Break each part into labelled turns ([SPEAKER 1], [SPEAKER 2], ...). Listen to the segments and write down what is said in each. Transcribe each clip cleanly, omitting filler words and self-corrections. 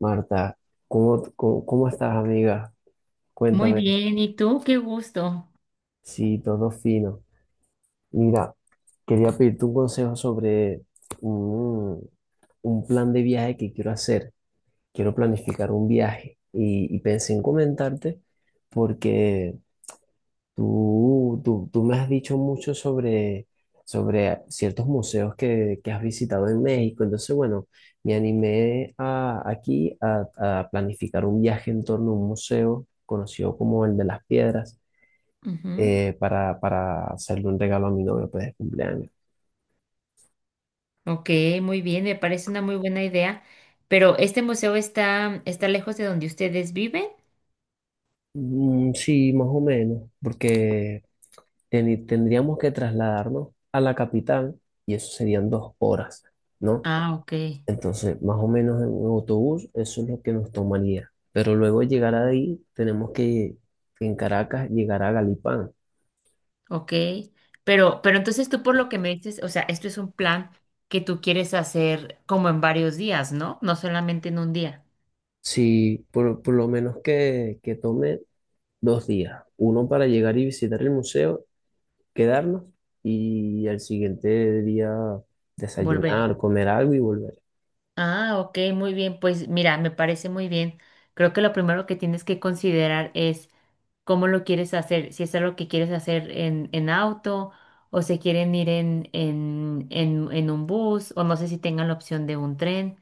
[SPEAKER 1] Marta, ¿cómo estás, amiga?
[SPEAKER 2] Muy
[SPEAKER 1] Cuéntame.
[SPEAKER 2] bien, ¿y tú? Qué gusto.
[SPEAKER 1] Sí, todo fino. Mira, quería pedirte un consejo sobre un, un plan de viaje que quiero hacer. Quiero planificar un viaje y pensé en comentarte porque tú me has dicho mucho sobre ciertos museos que has visitado en México. Entonces, bueno, me animé a planificar un viaje en torno a un museo conocido como el de las piedras,
[SPEAKER 2] Ujú.
[SPEAKER 1] para hacerle un regalo a mi novio, pues, de cumpleaños.
[SPEAKER 2] Ok, muy bien, me parece una muy buena idea. Pero ¿este museo está, está lejos de donde ustedes viven?
[SPEAKER 1] Mm, sí, más o menos, porque tendríamos que trasladarnos a la capital y eso serían 2 horas, ¿no?
[SPEAKER 2] Ah, ok,
[SPEAKER 1] Entonces, más o menos en un autobús, eso es lo que nos tomaría. Pero luego de llegar ahí, tenemos que, en Caracas, llegar a Galipán.
[SPEAKER 2] ok. Pero entonces tú por lo que me dices, o sea, esto es un plan que tú quieres hacer como en varios días, ¿no? No solamente en un día,
[SPEAKER 1] Si por lo menos que tome 2 días, uno para llegar y visitar el museo, quedarnos, y al siguiente día
[SPEAKER 2] volver.
[SPEAKER 1] desayunar, comer algo y volver.
[SPEAKER 2] Ah, ok, muy bien. Pues mira, me parece muy bien. Creo que lo primero que tienes que considerar es cómo lo quieres hacer, si es algo que quieres hacer en auto o se quieren ir en, en un bus o no sé si tengan la opción de un tren.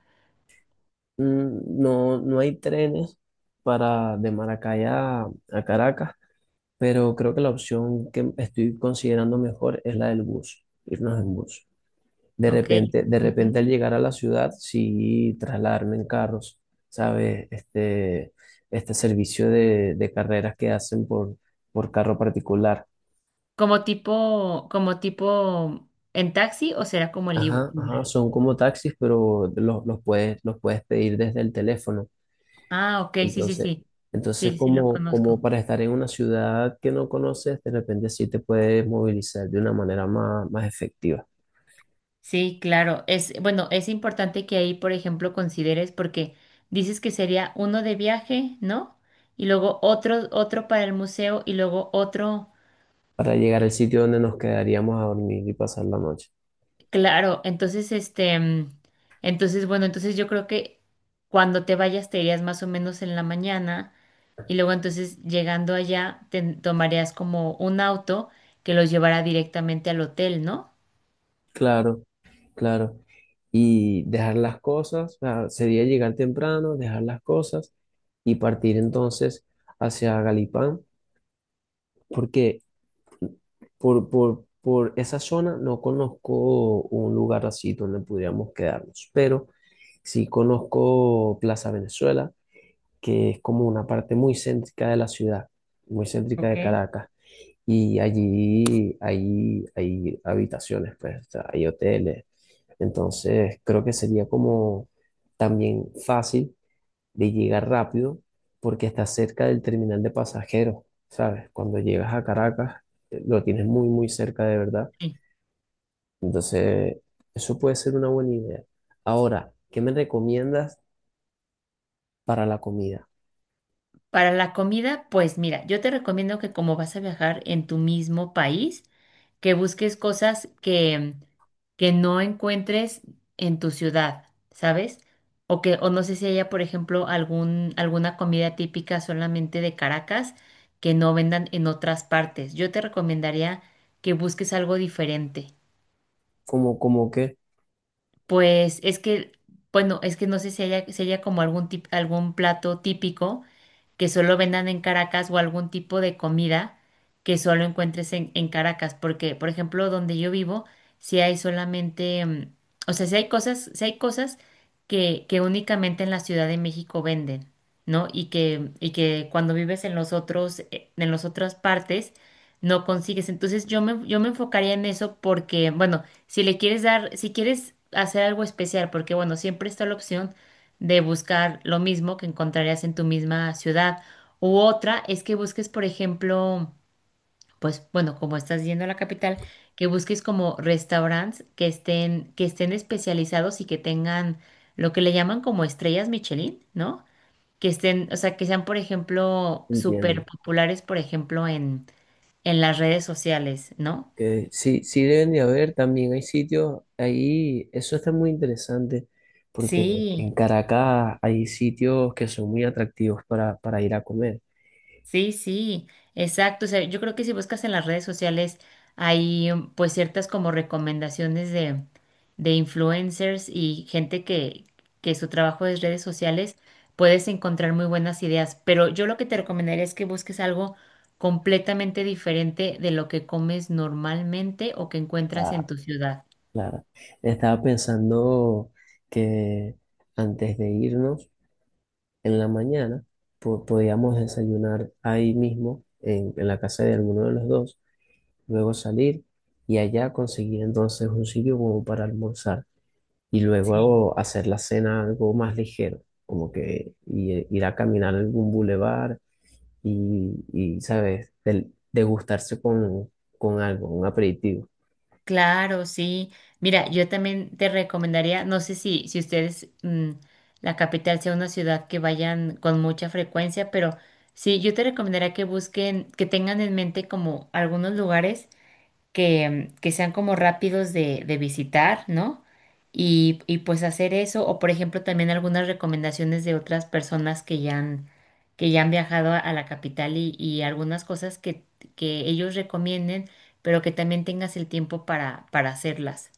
[SPEAKER 1] Mm, no, no hay trenes para de Maracay a Caracas, pero creo que la opción que estoy considerando mejor es la del bus, irnos en bus. De
[SPEAKER 2] Ok.
[SPEAKER 1] repente, de repente
[SPEAKER 2] Ujú.
[SPEAKER 1] al llegar a la ciudad, sí trasladarme en carros, ¿sabes? Este servicio de carreras que hacen por carro particular.
[SPEAKER 2] Como tipo en taxi o será como el
[SPEAKER 1] Ajá,
[SPEAKER 2] Uber.
[SPEAKER 1] ajá, son como taxis, pero los puedes pedir desde el teléfono.
[SPEAKER 2] Ah, ok, sí, sí,
[SPEAKER 1] Entonces,
[SPEAKER 2] sí.
[SPEAKER 1] entonces
[SPEAKER 2] Sí, sí lo
[SPEAKER 1] como
[SPEAKER 2] conozco.
[SPEAKER 1] para estar en una ciudad que no conoces, de repente sí te puedes movilizar de una manera más, más efectiva.
[SPEAKER 2] Sí, claro. Es, bueno, es importante que ahí, por ejemplo, consideres porque dices que sería uno de viaje, ¿no? Y luego otro, otro para el museo y luego otro.
[SPEAKER 1] Para llegar al sitio donde nos quedaríamos a dormir y pasar la noche.
[SPEAKER 2] Claro, entonces este, entonces bueno, entonces yo creo que cuando te vayas te irías más o menos en la mañana y luego entonces llegando allá te tomarías como un auto que los llevará directamente al hotel, ¿no?
[SPEAKER 1] Claro, claro. Y dejar las cosas, o sea, sería llegar temprano, dejar las cosas y partir entonces hacia Galipán, porque por esa zona no conozco un lugar así donde pudiéramos quedarnos, pero sí conozco Plaza Venezuela, que es como una parte muy céntrica de la ciudad, muy céntrica
[SPEAKER 2] ¿Ok?
[SPEAKER 1] de Caracas. Y allí hay, hay habitaciones, pues, o sea, hay hoteles. Entonces, creo que sería como también fácil de llegar rápido porque está cerca del terminal de pasajeros, ¿sabes? Cuando llegas a Caracas, lo tienes muy, muy cerca, de verdad. Entonces, eso puede ser una buena idea. Ahora, ¿qué me recomiendas para la comida?
[SPEAKER 2] Para la comida, pues mira, yo te recomiendo que como vas a viajar en tu mismo país, que busques cosas que no encuentres en tu ciudad, ¿sabes? O que, o no sé si haya, por ejemplo, algún, alguna comida típica solamente de Caracas que no vendan en otras partes. Yo te recomendaría que busques algo diferente.
[SPEAKER 1] Como, como que,
[SPEAKER 2] Pues es que, bueno, es que no sé si haya, si haya como algún algún plato típico que solo vendan en Caracas o algún tipo de comida que solo encuentres en Caracas. Porque, por ejemplo, donde yo vivo, si hay solamente, o sea, si hay cosas, si hay cosas que únicamente en la Ciudad de México venden, ¿no? Y que cuando vives en los otros, en las otras partes, no consigues. Entonces yo me enfocaría en eso porque, bueno, si le quieres dar, si quieres hacer algo especial, porque bueno, siempre está la opción de buscar lo mismo que encontrarías en tu misma ciudad. U otra es que busques, por ejemplo, pues bueno, como estás yendo a la capital, que busques como restaurantes que estén especializados y que tengan lo que le llaman como estrellas Michelin, ¿no? Que estén, o sea, que sean, por ejemplo,
[SPEAKER 1] entiendo.
[SPEAKER 2] súper populares, por ejemplo, en las redes sociales, ¿no?
[SPEAKER 1] Que sí, sí deben de haber, también hay sitios ahí, eso está muy interesante, porque
[SPEAKER 2] Sí.
[SPEAKER 1] en Caracas hay sitios que son muy atractivos para ir a comer.
[SPEAKER 2] Sí, sí, exacto. O sea, yo creo que si buscas en las redes sociales hay pues ciertas como recomendaciones de influencers y gente que su trabajo es redes sociales, puedes encontrar muy buenas ideas. Pero yo lo que te recomendaría es que busques algo completamente diferente de lo que comes normalmente o que encuentras en
[SPEAKER 1] Claro,
[SPEAKER 2] tu ciudad.
[SPEAKER 1] claro. Estaba pensando que antes de irnos, en la mañana, podíamos desayunar ahí mismo, en la casa de alguno de los dos, luego salir y allá conseguir entonces un sitio como para almorzar. Y luego hacer la cena algo más ligero, como que ir a caminar a algún bulevar y, ¿sabes? Degustarse con algo, un aperitivo.
[SPEAKER 2] Claro, sí. Mira, yo también te recomendaría, no sé si ustedes, la capital sea una ciudad que vayan con mucha frecuencia, pero sí, yo te recomendaría que busquen, que tengan en mente como algunos lugares que sean como rápidos de visitar, ¿no? Y pues hacer eso, o por ejemplo también algunas recomendaciones de otras personas que ya han viajado a la capital y algunas cosas que ellos recomienden, pero que también tengas el tiempo para hacerlas.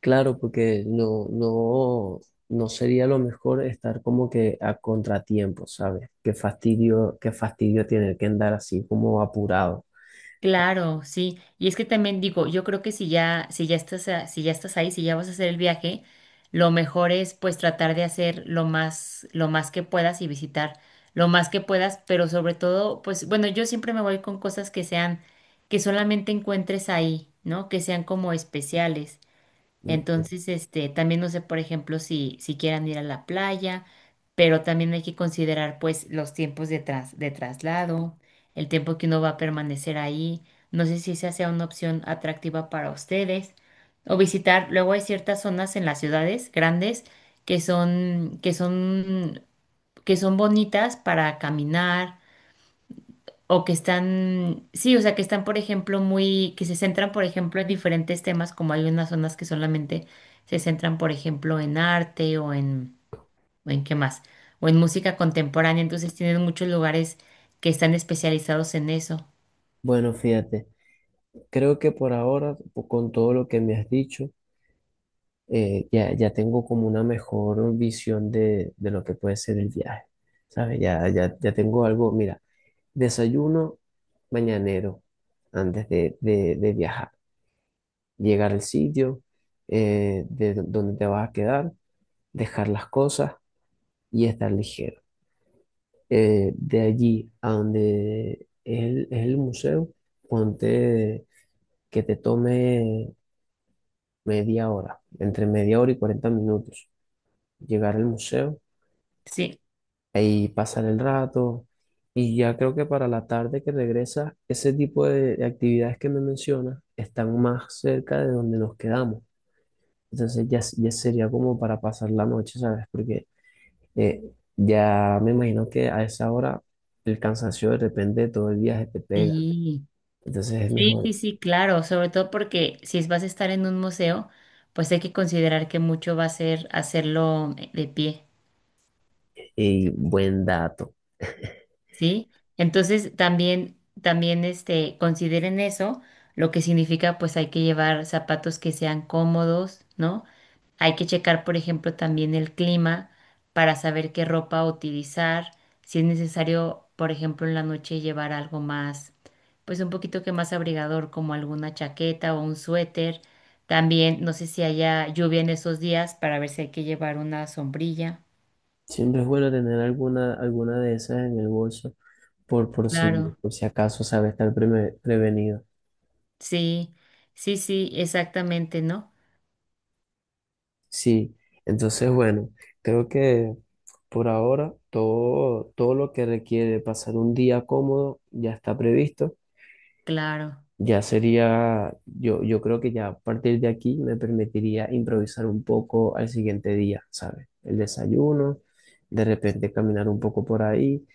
[SPEAKER 1] Claro, porque no sería lo mejor estar como que a contratiempo, ¿sabes? Qué fastidio tener que andar así como apurado.
[SPEAKER 2] Claro, sí. Y es que también digo, yo creo que si ya, si ya estás ahí, si ya vas a hacer el viaje, lo mejor es pues tratar de hacer lo más que puedas y visitar lo más que puedas, pero sobre todo, pues bueno, yo siempre me voy con cosas que sean, que solamente encuentres ahí, ¿no? Que sean como especiales. Entonces, este, también no sé, por ejemplo, si quieran ir a la playa, pero también hay que considerar, pues, los tiempos de de traslado, el tiempo que uno va a permanecer ahí. No sé si esa sea una opción atractiva para ustedes. O visitar, luego hay ciertas zonas en las ciudades grandes que son, que son, que son bonitas para caminar, o que están, sí, o sea, que están, por ejemplo, muy, que se centran, por ejemplo, en diferentes temas, como hay unas zonas que solamente se centran, por ejemplo, en arte o en qué más, o en música contemporánea, entonces tienen muchos lugares que están especializados en eso.
[SPEAKER 1] Bueno, fíjate, creo que por ahora, con todo lo que me has dicho, ya tengo como una mejor visión de lo que puede ser el viaje, ¿sabes? Ya tengo algo. Mira, desayuno mañanero antes de viajar, llegar al sitio, donde te vas a quedar, dejar las cosas y estar ligero. De allí a donde es es el museo, ponte que te tome media hora, entre media hora y 40 minutos llegar al museo,
[SPEAKER 2] Sí,
[SPEAKER 1] ahí pasar el rato. Y ya creo que para la tarde que regresa, ese tipo de actividades que me mencionas están más cerca de donde nos quedamos. Entonces ya, ya sería como para pasar la noche, ¿sabes? Porque eh, ya me imagino que a esa hora el cansancio de repente de todo el viaje te pega.
[SPEAKER 2] sí,
[SPEAKER 1] Entonces es
[SPEAKER 2] sí,
[SPEAKER 1] mejor.
[SPEAKER 2] sí, sí, claro, sobre todo porque si vas a estar en un museo, pues hay que considerar que mucho va a ser hacerlo de pie.
[SPEAKER 1] Y buen dato.
[SPEAKER 2] ¿Sí? Entonces también, también este, consideren eso, lo que significa pues hay que llevar zapatos que sean cómodos, ¿no? Hay que checar, por ejemplo, también el clima para saber qué ropa utilizar, si es necesario, por ejemplo, en la noche llevar algo más, pues un poquito que más abrigador, como alguna chaqueta o un suéter. También, no sé si haya lluvia en esos días para ver si hay que llevar una sombrilla.
[SPEAKER 1] Siempre es bueno tener alguna, alguna de esas en el bolso por, por si,
[SPEAKER 2] Claro.
[SPEAKER 1] por si acaso, ¿sabes? Estar prevenido.
[SPEAKER 2] Sí, sí, sí, exactamente, ¿no?
[SPEAKER 1] Sí, entonces bueno, creo que por ahora todo lo que requiere pasar un día cómodo ya está previsto.
[SPEAKER 2] Claro,
[SPEAKER 1] Ya sería, yo creo que ya a partir de aquí me permitiría improvisar un poco al siguiente día, ¿sabes? El desayuno, de repente caminar un poco por ahí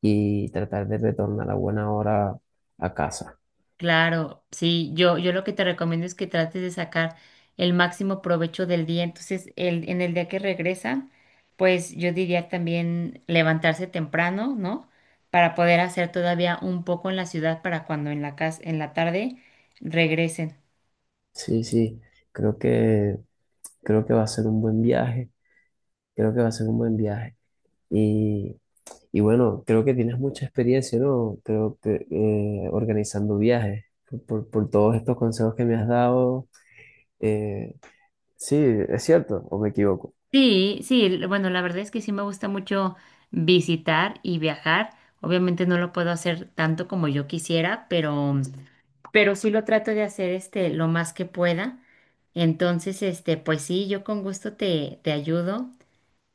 [SPEAKER 1] y tratar de retornar a buena hora a casa.
[SPEAKER 2] claro, sí, yo lo que te recomiendo es que trates de sacar el máximo provecho del día. Entonces, en el día que regresan, pues yo diría también levantarse temprano, ¿no? Para poder hacer todavía un poco en la ciudad para cuando en la casa, en la tarde regresen.
[SPEAKER 1] Sí, sí, creo que, creo que va a ser un buen viaje, creo que va a ser un buen viaje. Y, y bueno, creo que tienes mucha experiencia, ¿no? Creo que, organizando viajes, por todos estos consejos que me has dado. Eh, sí, es cierto, o me equivoco.
[SPEAKER 2] Sí, sí, bueno, la verdad es que sí me gusta mucho visitar y viajar. Obviamente no lo puedo hacer tanto como yo quisiera, pero sí lo trato de hacer este lo más que pueda. Entonces, este, pues sí, yo con gusto te ayudo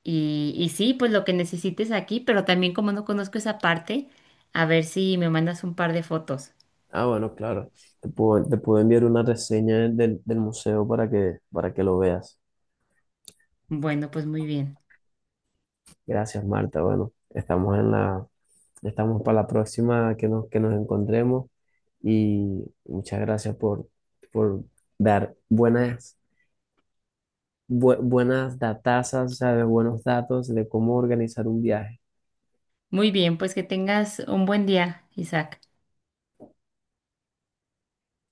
[SPEAKER 2] y sí, pues lo que necesites aquí, pero también como no conozco esa parte, a ver si me mandas un par de fotos.
[SPEAKER 1] Ah, bueno, claro. Te puedo enviar una reseña del museo para que lo veas.
[SPEAKER 2] Bueno, pues muy bien.
[SPEAKER 1] Gracias, Marta. Bueno, estamos en la, estamos para la próxima que nos encontremos. Y muchas gracias por dar buenas buenas datazas, o sea, de buenos datos de cómo organizar un viaje.
[SPEAKER 2] Muy bien, pues que tengas un buen día, Isaac.